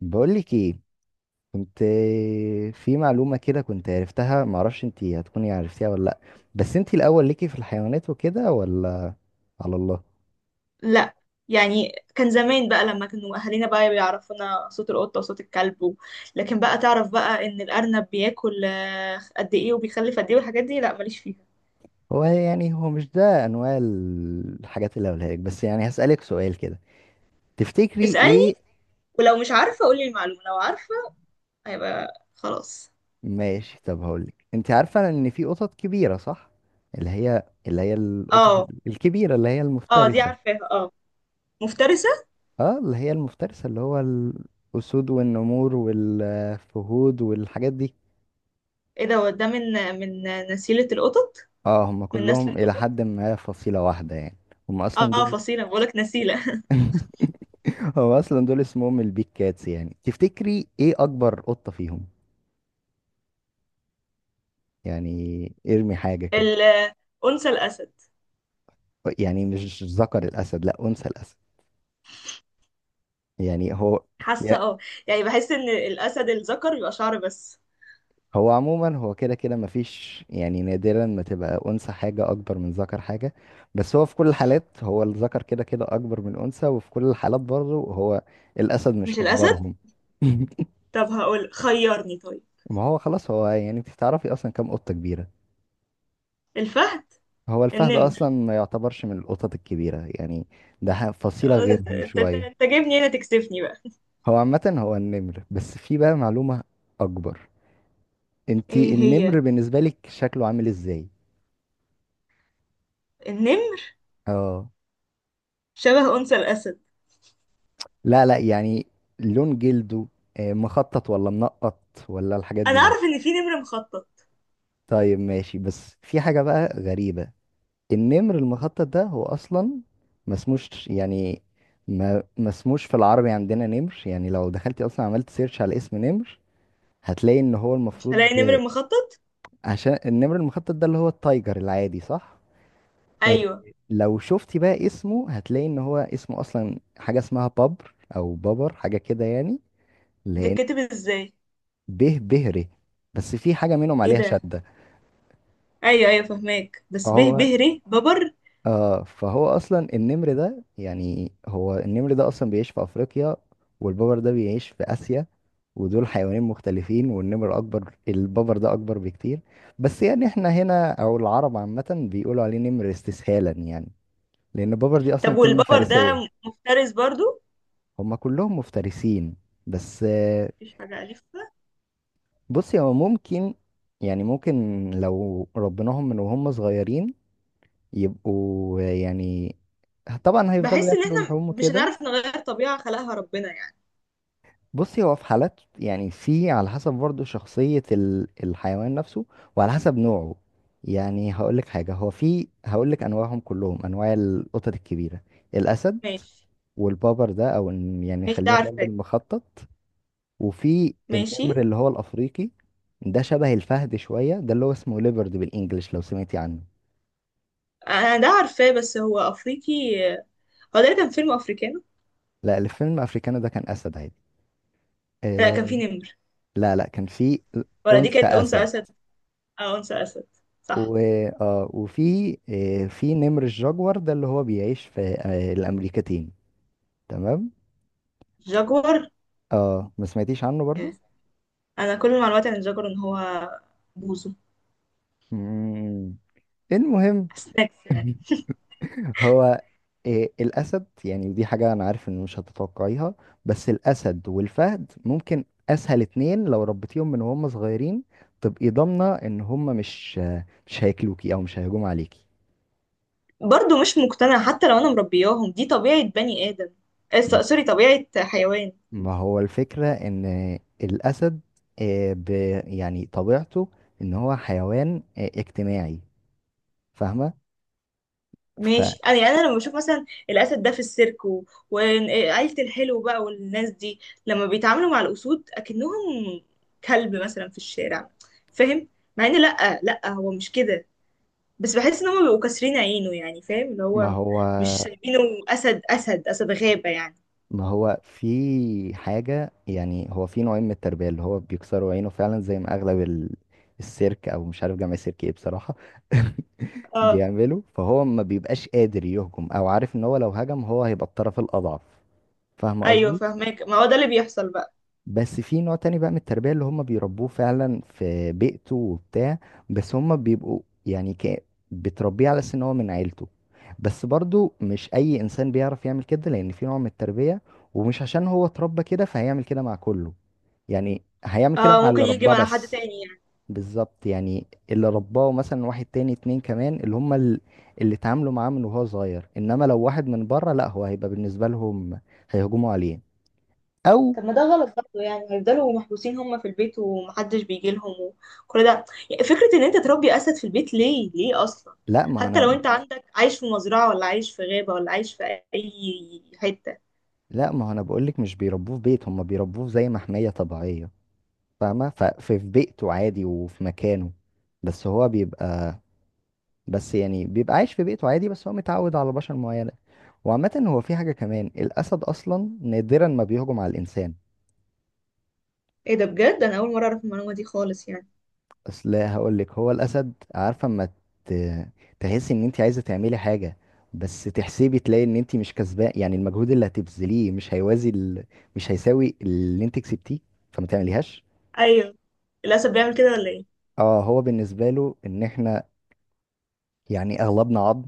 بقولك ايه؟ كنت في معلومة كده كنت عرفتها، معرفش انتي هتكوني عرفتيها ولا لأ. بس انتي الأول ليكي في الحيوانات وكده، ولا على الله؟ لا، يعني كان زمان بقى لما كانوا اهالينا بقى بيعرفونا صوت القطه وصوت الكلب و لكن بقى تعرف بقى ان الارنب بياكل قد ايه وبيخلف قد ايه والحاجات دي، لا ماليش فيها. هو يعني هو مش ده أنواع الحاجات اللي هقولها لك، بس يعني هسألك سؤال كده، تفتكري اسالني، ايه؟ ولو مش عارفه قولي المعلومه، لو عارفه هيبقى خلاص. ماشي، طب هقولك، انتي عارفة ان في قطط كبيرة صح؟ اللي هي اللي هي القطط اه. الكبيرة اللي هي اه دي المفترسة. عارفاها، اه. مفترسه. اه، اللي هي المفترسة، اللي هو الأسود والنمور والفهود والحاجات دي. ايه ده من نسيله القطط؟ اه، هم من نسل كلهم الى القطط. حد ما فصيلة واحدة يعني. هم اصلا اه دول فصيله، بقولك نسيله. هم اصلا دول اسمهم البيك كاتس. يعني تفتكري ايه اكبر قطة فيهم؟ يعني ارمي حاجة كده. الانثى الاسد. يعني مش ذكر الاسد، لا انثى الاسد يعني. هو حاسه، يا- اه، يعني بحس ان الاسد الذكر بيبقى شعر بس. هو عموما هو كده كده مفيش، يعني نادرا ما تبقى انثى حاجة اكبر من ذكر حاجة. بس هو في كل الحالات هو الذكر كده كده اكبر من الانثى، وفي كل الحالات برضه هو الاسد مش مش الاسد؟ اكبرهم. طب هقول خيرني، طيب. ما هو خلاص، هو يعني انت تعرفي اصلا كام قطة كبيرة؟ الفهد. هو الفهد النمر. اصلا ما يعتبرش من القطط الكبيره يعني. ده فصيله غيرهم شويه. انت جايبني هنا تكسفني بقى. هو عامه هو النمر، بس في بقى معلومه اكبر. انتي ايه النمر هي؟ بالنسبه لك شكله عامل ازاي؟ النمر اه شبه انثى الاسد. لا لا يعني لون جلده، مخطط ولا منقط، ولا الحاجات انا دي يعني. اعرف ان في نمر مخطط. طيب ماشي، بس في حاجه بقى غريبه. النمر المخطط ده هو اصلا ما اسموش يعني، ما اسموش في العربي عندنا نمر. يعني لو دخلتي اصلا عملت سيرش على اسم نمر، هتلاقي ان هو مش المفروض، هلاقي نمر مخطط؟ عشان النمر المخطط ده اللي هو التايجر العادي صح؟ إيه، ايوه. لو شفتي بقى اسمه هتلاقي ان هو اسمه اصلا حاجة اسمها بابر، او بابر حاجة كده يعني. لان بتتكتب ازاي؟ به بهري، بس في حاجة منهم ايه عليها ده؟ شدة. ايوه، ايوه، فهماك، بس به فهو به ري، ببر. اه فهو اصلا النمر ده يعني، هو النمر ده اصلا بيعيش في افريقيا، والببر ده بيعيش في اسيا. ودول حيوانين مختلفين، والنمر اكبر، الببر ده اكبر بكتير. بس يعني احنا هنا او العرب عامة بيقولوا عليه نمر استسهالا يعني، لان الببر دي اصلا طب كلمة والببر ده فارسية. مفترس برضو؟ هما كلهم مفترسين، بس مفيش حاجه الفها؟ بصي هو ممكن، يعني ممكن لو ربناهم من وهم صغيرين يبقوا يعني، طبعا هيفضلوا بحس ان ياكلوا احنا لحوم مش وكده. هنعرف نغير طبيعه خلقها ربنا، يعني. بصي هو في حالات، يعني في على حسب برضه شخصية الحيوان نفسه، وعلى حسب نوعه. يعني هقولك حاجة، هو في هقولك أنواعهم كلهم، أنواع القطط الكبيرة: الأسد، ماشي. والبابر ده أو يعني ماشي، ده خلينا النمر عارفاه. المخطط، وفي ماشي. النمر اللي هو الأفريقي. ده شبه الفهد شوية، ده اللي هو اسمه ليبرد بالإنجلش لو سمعتي عنه. انا ده عارفاه بس هو افريقي. هو ده كان فيلم افريكانو؟ لا الفيلم أفريكانا ده كان أسد عادي، لا كان آه. في نمر؟ لا لا كان في ولا دي أنثى كانت انثى أسد. اسد؟ اه، انثى اسد، صح. و... وفي في نمر الجاجوار ده اللي هو بيعيش في الأمريكتين، تمام. جاكور. اه ما سمعتيش عنه برضو. انا كل معلوماتي عن الجاكور ان هو بوزو، مم. المهم، سناكس يعني. هو الأسد يعني، دي حاجة أنا عارف إن مش هتتوقعيها، بس الأسد والفهد ممكن أسهل اتنين لو ربيتيهم من وهم صغيرين، تبقي ضامنة إن هم مش هياكلوكي أو مش هيهجموا عليكي. برضه مش مقتنعة، حتى لو انا مربياهم دي طبيعة بني ادم. سوري، طبيعة حيوان. ما هو الفكرة ان الاسد، آه، ب يعني طبيعته ان هو حيوان اجتماعي، فاهمة؟ فما ماشي، انا يعني انا لما بشوف مثلا الاسد ده في السيرك وعيلة الحلو بقى والناس دي لما بيتعاملوا مع الاسود اكنهم كلب مثلا في الشارع، فاهم؟ مع ان، لا، لا، هو مش كده. بس بحس ان هم بيبقوا كاسرين عينه، يعني فاهم اللي هو، هو، مش سايبينه اسد اسد اسد غابة، يعني. ما هو في حاجة، يعني هو في نوعين من التربية: اللي هو بيكسروا عينه فعلا زي ما اغلب السيرك، او مش عارف جمع سيرك ايه بصراحة اه. بيعملوا، فهو ما بيبقاش قادر يهجم، او عارف ان هو لو هجم هو هيبقى الطرف الاضعف، فاهمة ايوه قصدي؟ فاهمك، ما هو ده اللي بيحصل بقى. بس في نوع تاني بقى من التربية اللي هم بيربوه فعلا في بيئته وبتاع، بس هم بيبقوا، يعني بتربيه على أساس إن هو من عيلته، بس برضو مش أي إنسان بيعرف يعمل كده، لأن في نوع من التربية. ومش عشان هو اتربى كده فهيعمل كده مع كله، يعني هيعمل كده اه مع ممكن اللي يهجم رباه على حد بس. تاني، يعني. بالظبط، يعني اللي رباه مثلا واحد تاني، اتنين كمان، اللي هم اللي اتعاملوا معاه من وهو صغير، انما لو واحد من بره لا، هو هيبقى بالنسبه لهم هيهجموا عليه، او طب ما ده غلط برضه، يعني هيفضلوا محبوسين هم في البيت ومحدش بيجي لهم وكل ده. يعني فكرة ان انت تربي اسد في البيت، ليه؟ ليه اصلا؟ لا ما حتى لو انا، انت عندك عايش في مزرعة ولا عايش في غابة ولا عايش في اي حتة. لا ما هو انا بقولك مش بيربوه في بيت، هم بيربوه زي محمية طبيعية، فاهمة؟ ففي في بيئته عادي وفي مكانه، بس هو بيبقى، بس يعني بيبقى عايش في بيئته عادي، بس هو متعود على بشر معينة. وعامة هو في حاجة كمان، الأسد أصلا نادرا ما بيهجم على الإنسان. ايه ده! بجد انا اول مرة اعرف المعلومة دي خالص، يعني. أصل هقولك، هو الأسد عارفة اما ت- تحسي إن أنت عايزة تعملي حاجة، بس تحسبي تلاقي إن أنت مش كسبان، يعني المجهود اللي هتبذليه مش هيوازي ال... مش هيساوي اللي أنت كسبتيه، فما تعمليهاش. ايوه، الاسد بيعمل كده ولا ايه؟ اه هو بالنسبة له ان احنا يعني اغلبنا عظم،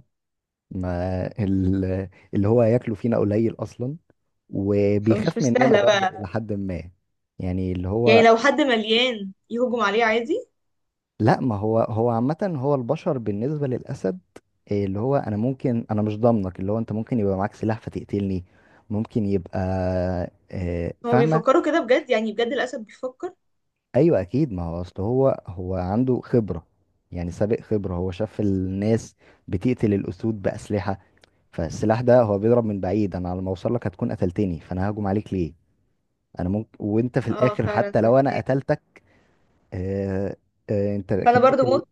ما اللي هو هياكله فينا قليل اصلا، فمش وبيخاف مننا مستاهلة برضه الى بقى. حد ما، يعني اللي يعني هو. لو حد مليان يهجم عليه عادي. لا ما هو، هو عامة هو البشر بالنسبة للاسد إيه؟ اللي هو انا ممكن، انا مش ضامنك، اللي هو انت ممكن يبقى معاك سلاح فتقتلني، ممكن يبقى هما فاهمة؟ بيفكروا كده بجد؟ يعني بجد الأسد بيفكر؟ ايوه اكيد، ما هو اصل هو عنده خبره، يعني سابق خبره، هو شاف الناس بتقتل الاسود باسلحه، فالسلاح ده هو بيضرب من بعيد، انا على ما اوصل لك هتكون قتلتني، فانا ههجم عليك ليه؟ انا ممكن وانت في اه، الاخر فعلا حتى لو انا فاهمك. قتلتك آه انت فأنا كميه برضو ال... موت.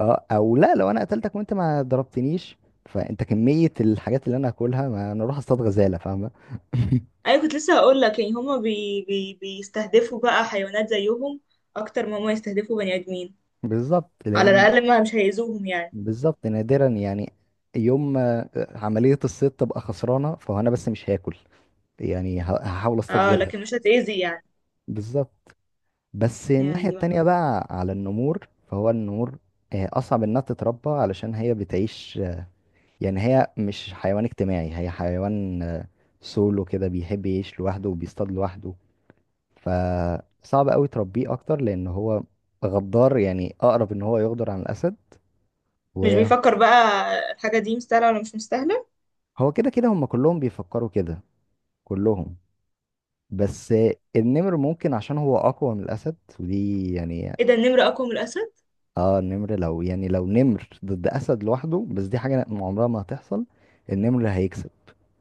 او لا، لو انا قتلتك وانت ما ضربتنيش، فانت كميه الحاجات اللي انا هاكلها، ما انا اروح اصطاد غزاله فاهمه أيوة، كنت لسه هقول لك يعني هما بي بي بيستهدفوا بقى حيوانات زيهم أكتر ما هما يستهدفوا بني آدمين. بالظبط على لان، الأقل ما مش هيأذوهم، يعني. بالظبط نادرا يعني. يوم ما عملية الصيد تبقى خسرانة فهو، أنا بس مش هاكل، يعني هحاول أصطاد اه، غيرها. لكن مش هتأذي، يعني. بالظبط. بس يعني الناحية دي التانية معلومة. بقى على النمور، فهو النمور أصعب إنها تتربى، علشان هي بتعيش يعني هي مش حيوان اجتماعي، هي حيوان سولو كده، بيحب يعيش لوحده وبيصطاد لوحده، فصعب أوي تربيه أكتر، لأن هو غدار، يعني أقرب إن هو يغدر عن الأسد. مش وهو بيفكر بقى الحاجة دي مستاهلة ولا مش مستاهلة؟ كده كده هم كلهم بيفكروا كده، كلهم. بس النمر ممكن عشان هو اقوى من الاسد، ودي يعني. ايه ده! النمر أقوى من الأسد؟ اه النمر لو، يعني لو نمر ضد اسد لوحده، بس دي حاجه عمرها ما هتحصل، النمر هيكسب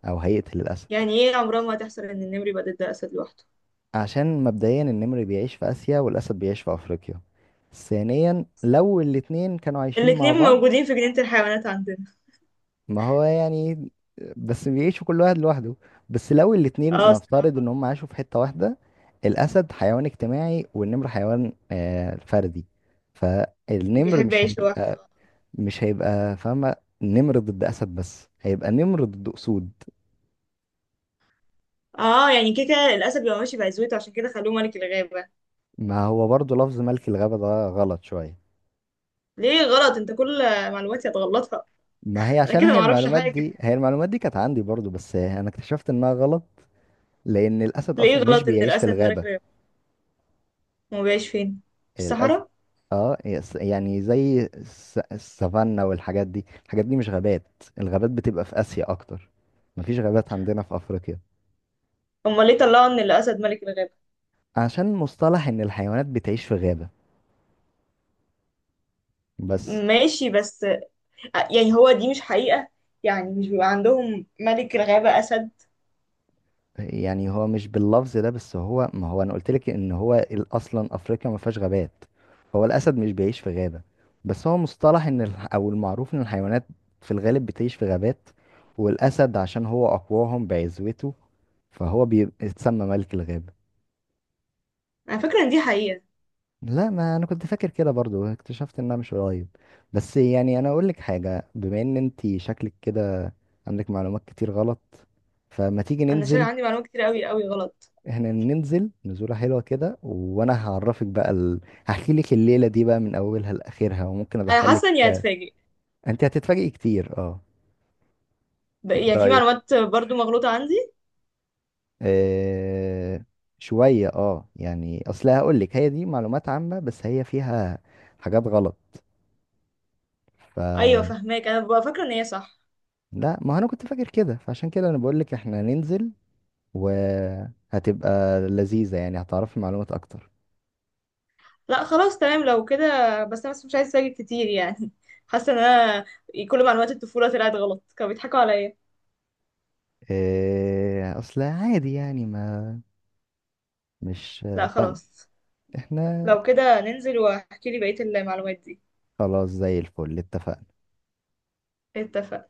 او هيقتل الاسد. يعني ايه عمرها ما هتحصل إن النمر يبقى ضد أسد لوحده؟ عشان مبدئيا النمر بيعيش في اسيا والاسد بيعيش في افريقيا. ثانيا لو الاتنين كانوا عايشين مع الاتنين بعض، موجودين في جنينة الحيوانات عندنا. ما هو يعني، بس بيعيشوا كل واحد لوحده. بس لو الاتنين اه نفترض صراحة. ان هم عاشوا في حتة واحدة، الأسد حيوان اجتماعي والنمر حيوان فردي، فالنمر بيحب مش يعيش لوحده. هيبقى، مش هيبقى فاهمة، نمر ضد أسد، بس هيبقى نمر ضد أسود. اه، يعني كده كده الاسد بيبقى ماشي بعزوته، عشان كده خلوه ملك الغابه. ما هو برضو لفظ ملك الغابة ده غلط شوية. ليه غلط؟ انت كل معلوماتي هتغلطها. ما هي انا عشان كده هي ما اعرفش المعلومات حاجه. دي، هي المعلومات دي كانت عندي برضو، بس أنا اكتشفت إنها غلط. لأن الأسد ليه أصلا مش غلط ان بيعيش في الاسد ملك الغابة. الغابه؟ ما هو بيعيش فين؟ في الأس الصحراء؟ اه، يعني زي السافانا والحاجات دي، الحاجات دي مش غابات. الغابات بتبقى في آسيا أكتر، مفيش غابات عندنا في أفريقيا. امال ليه طلعوا ان الاسد ملك الغابه؟ عشان مصطلح إن الحيوانات بتعيش في غابة بس. ماشي بس، يعني هو دي مش حقيقه؟ يعني مش بيبقى عندهم ملك الغابه اسد؟ يعني هو مش باللفظ ده، بس هو ما هو أنا قلتلك إن هو أصلا أفريقيا ما فيهاش غابات، هو الأسد مش بيعيش في غابة. بس هو مصطلح إن أو المعروف إن الحيوانات في الغالب بتعيش في غابات، والأسد عشان هو أقواهم بعزوته فهو بيتسمى ملك الغابة. انا فاكره ان دي حقيقه. لا ما انا كنت فاكر كده برضو، اكتشفت انها مش قريب. بس يعني انا اقول لك حاجه، بما ان انت شكلك كده عندك معلومات كتير غلط، فما تيجي انا شايف ننزل. عندي معلومات كتير قوي قوي غلط. احنا ننزل نزوله حلوه كده، وانا هعرفك بقى ال... هحكي لك الليله دي بقى من اولها لاخرها وممكن انا ادخلك. حاسه اني هتفاجئ. انت هتتفاجئي كتير اه. ايه يعني في رأيك؟ معلومات برضو مغلوطه عندي. آه، شوية اه، يعني اصل هقول لك، هي دي معلومات عامة بس هي فيها حاجات غلط. ف ايوه فهماك، انا ببقى فاكره ان هي صح. لا ما انا كنت فاكر كده، فعشان كده انا بقول لك احنا هننزل وهتبقى لذيذة، يعني هتعرفي معلومات اكتر. لا خلاص، تمام لو كده. بس انا بس مش عايزه اسجل كتير، يعني حاسه ان انا كل معلومات الطفوله طلعت غلط، كانوا بيضحكوا عليا. إيه اصل عادي يعني، ما مش لا فاهم، خلاص. احنا لو كده ننزل واحكي لي بقيه المعلومات دي. خلاص زي الفل اتفقنا. اتفق.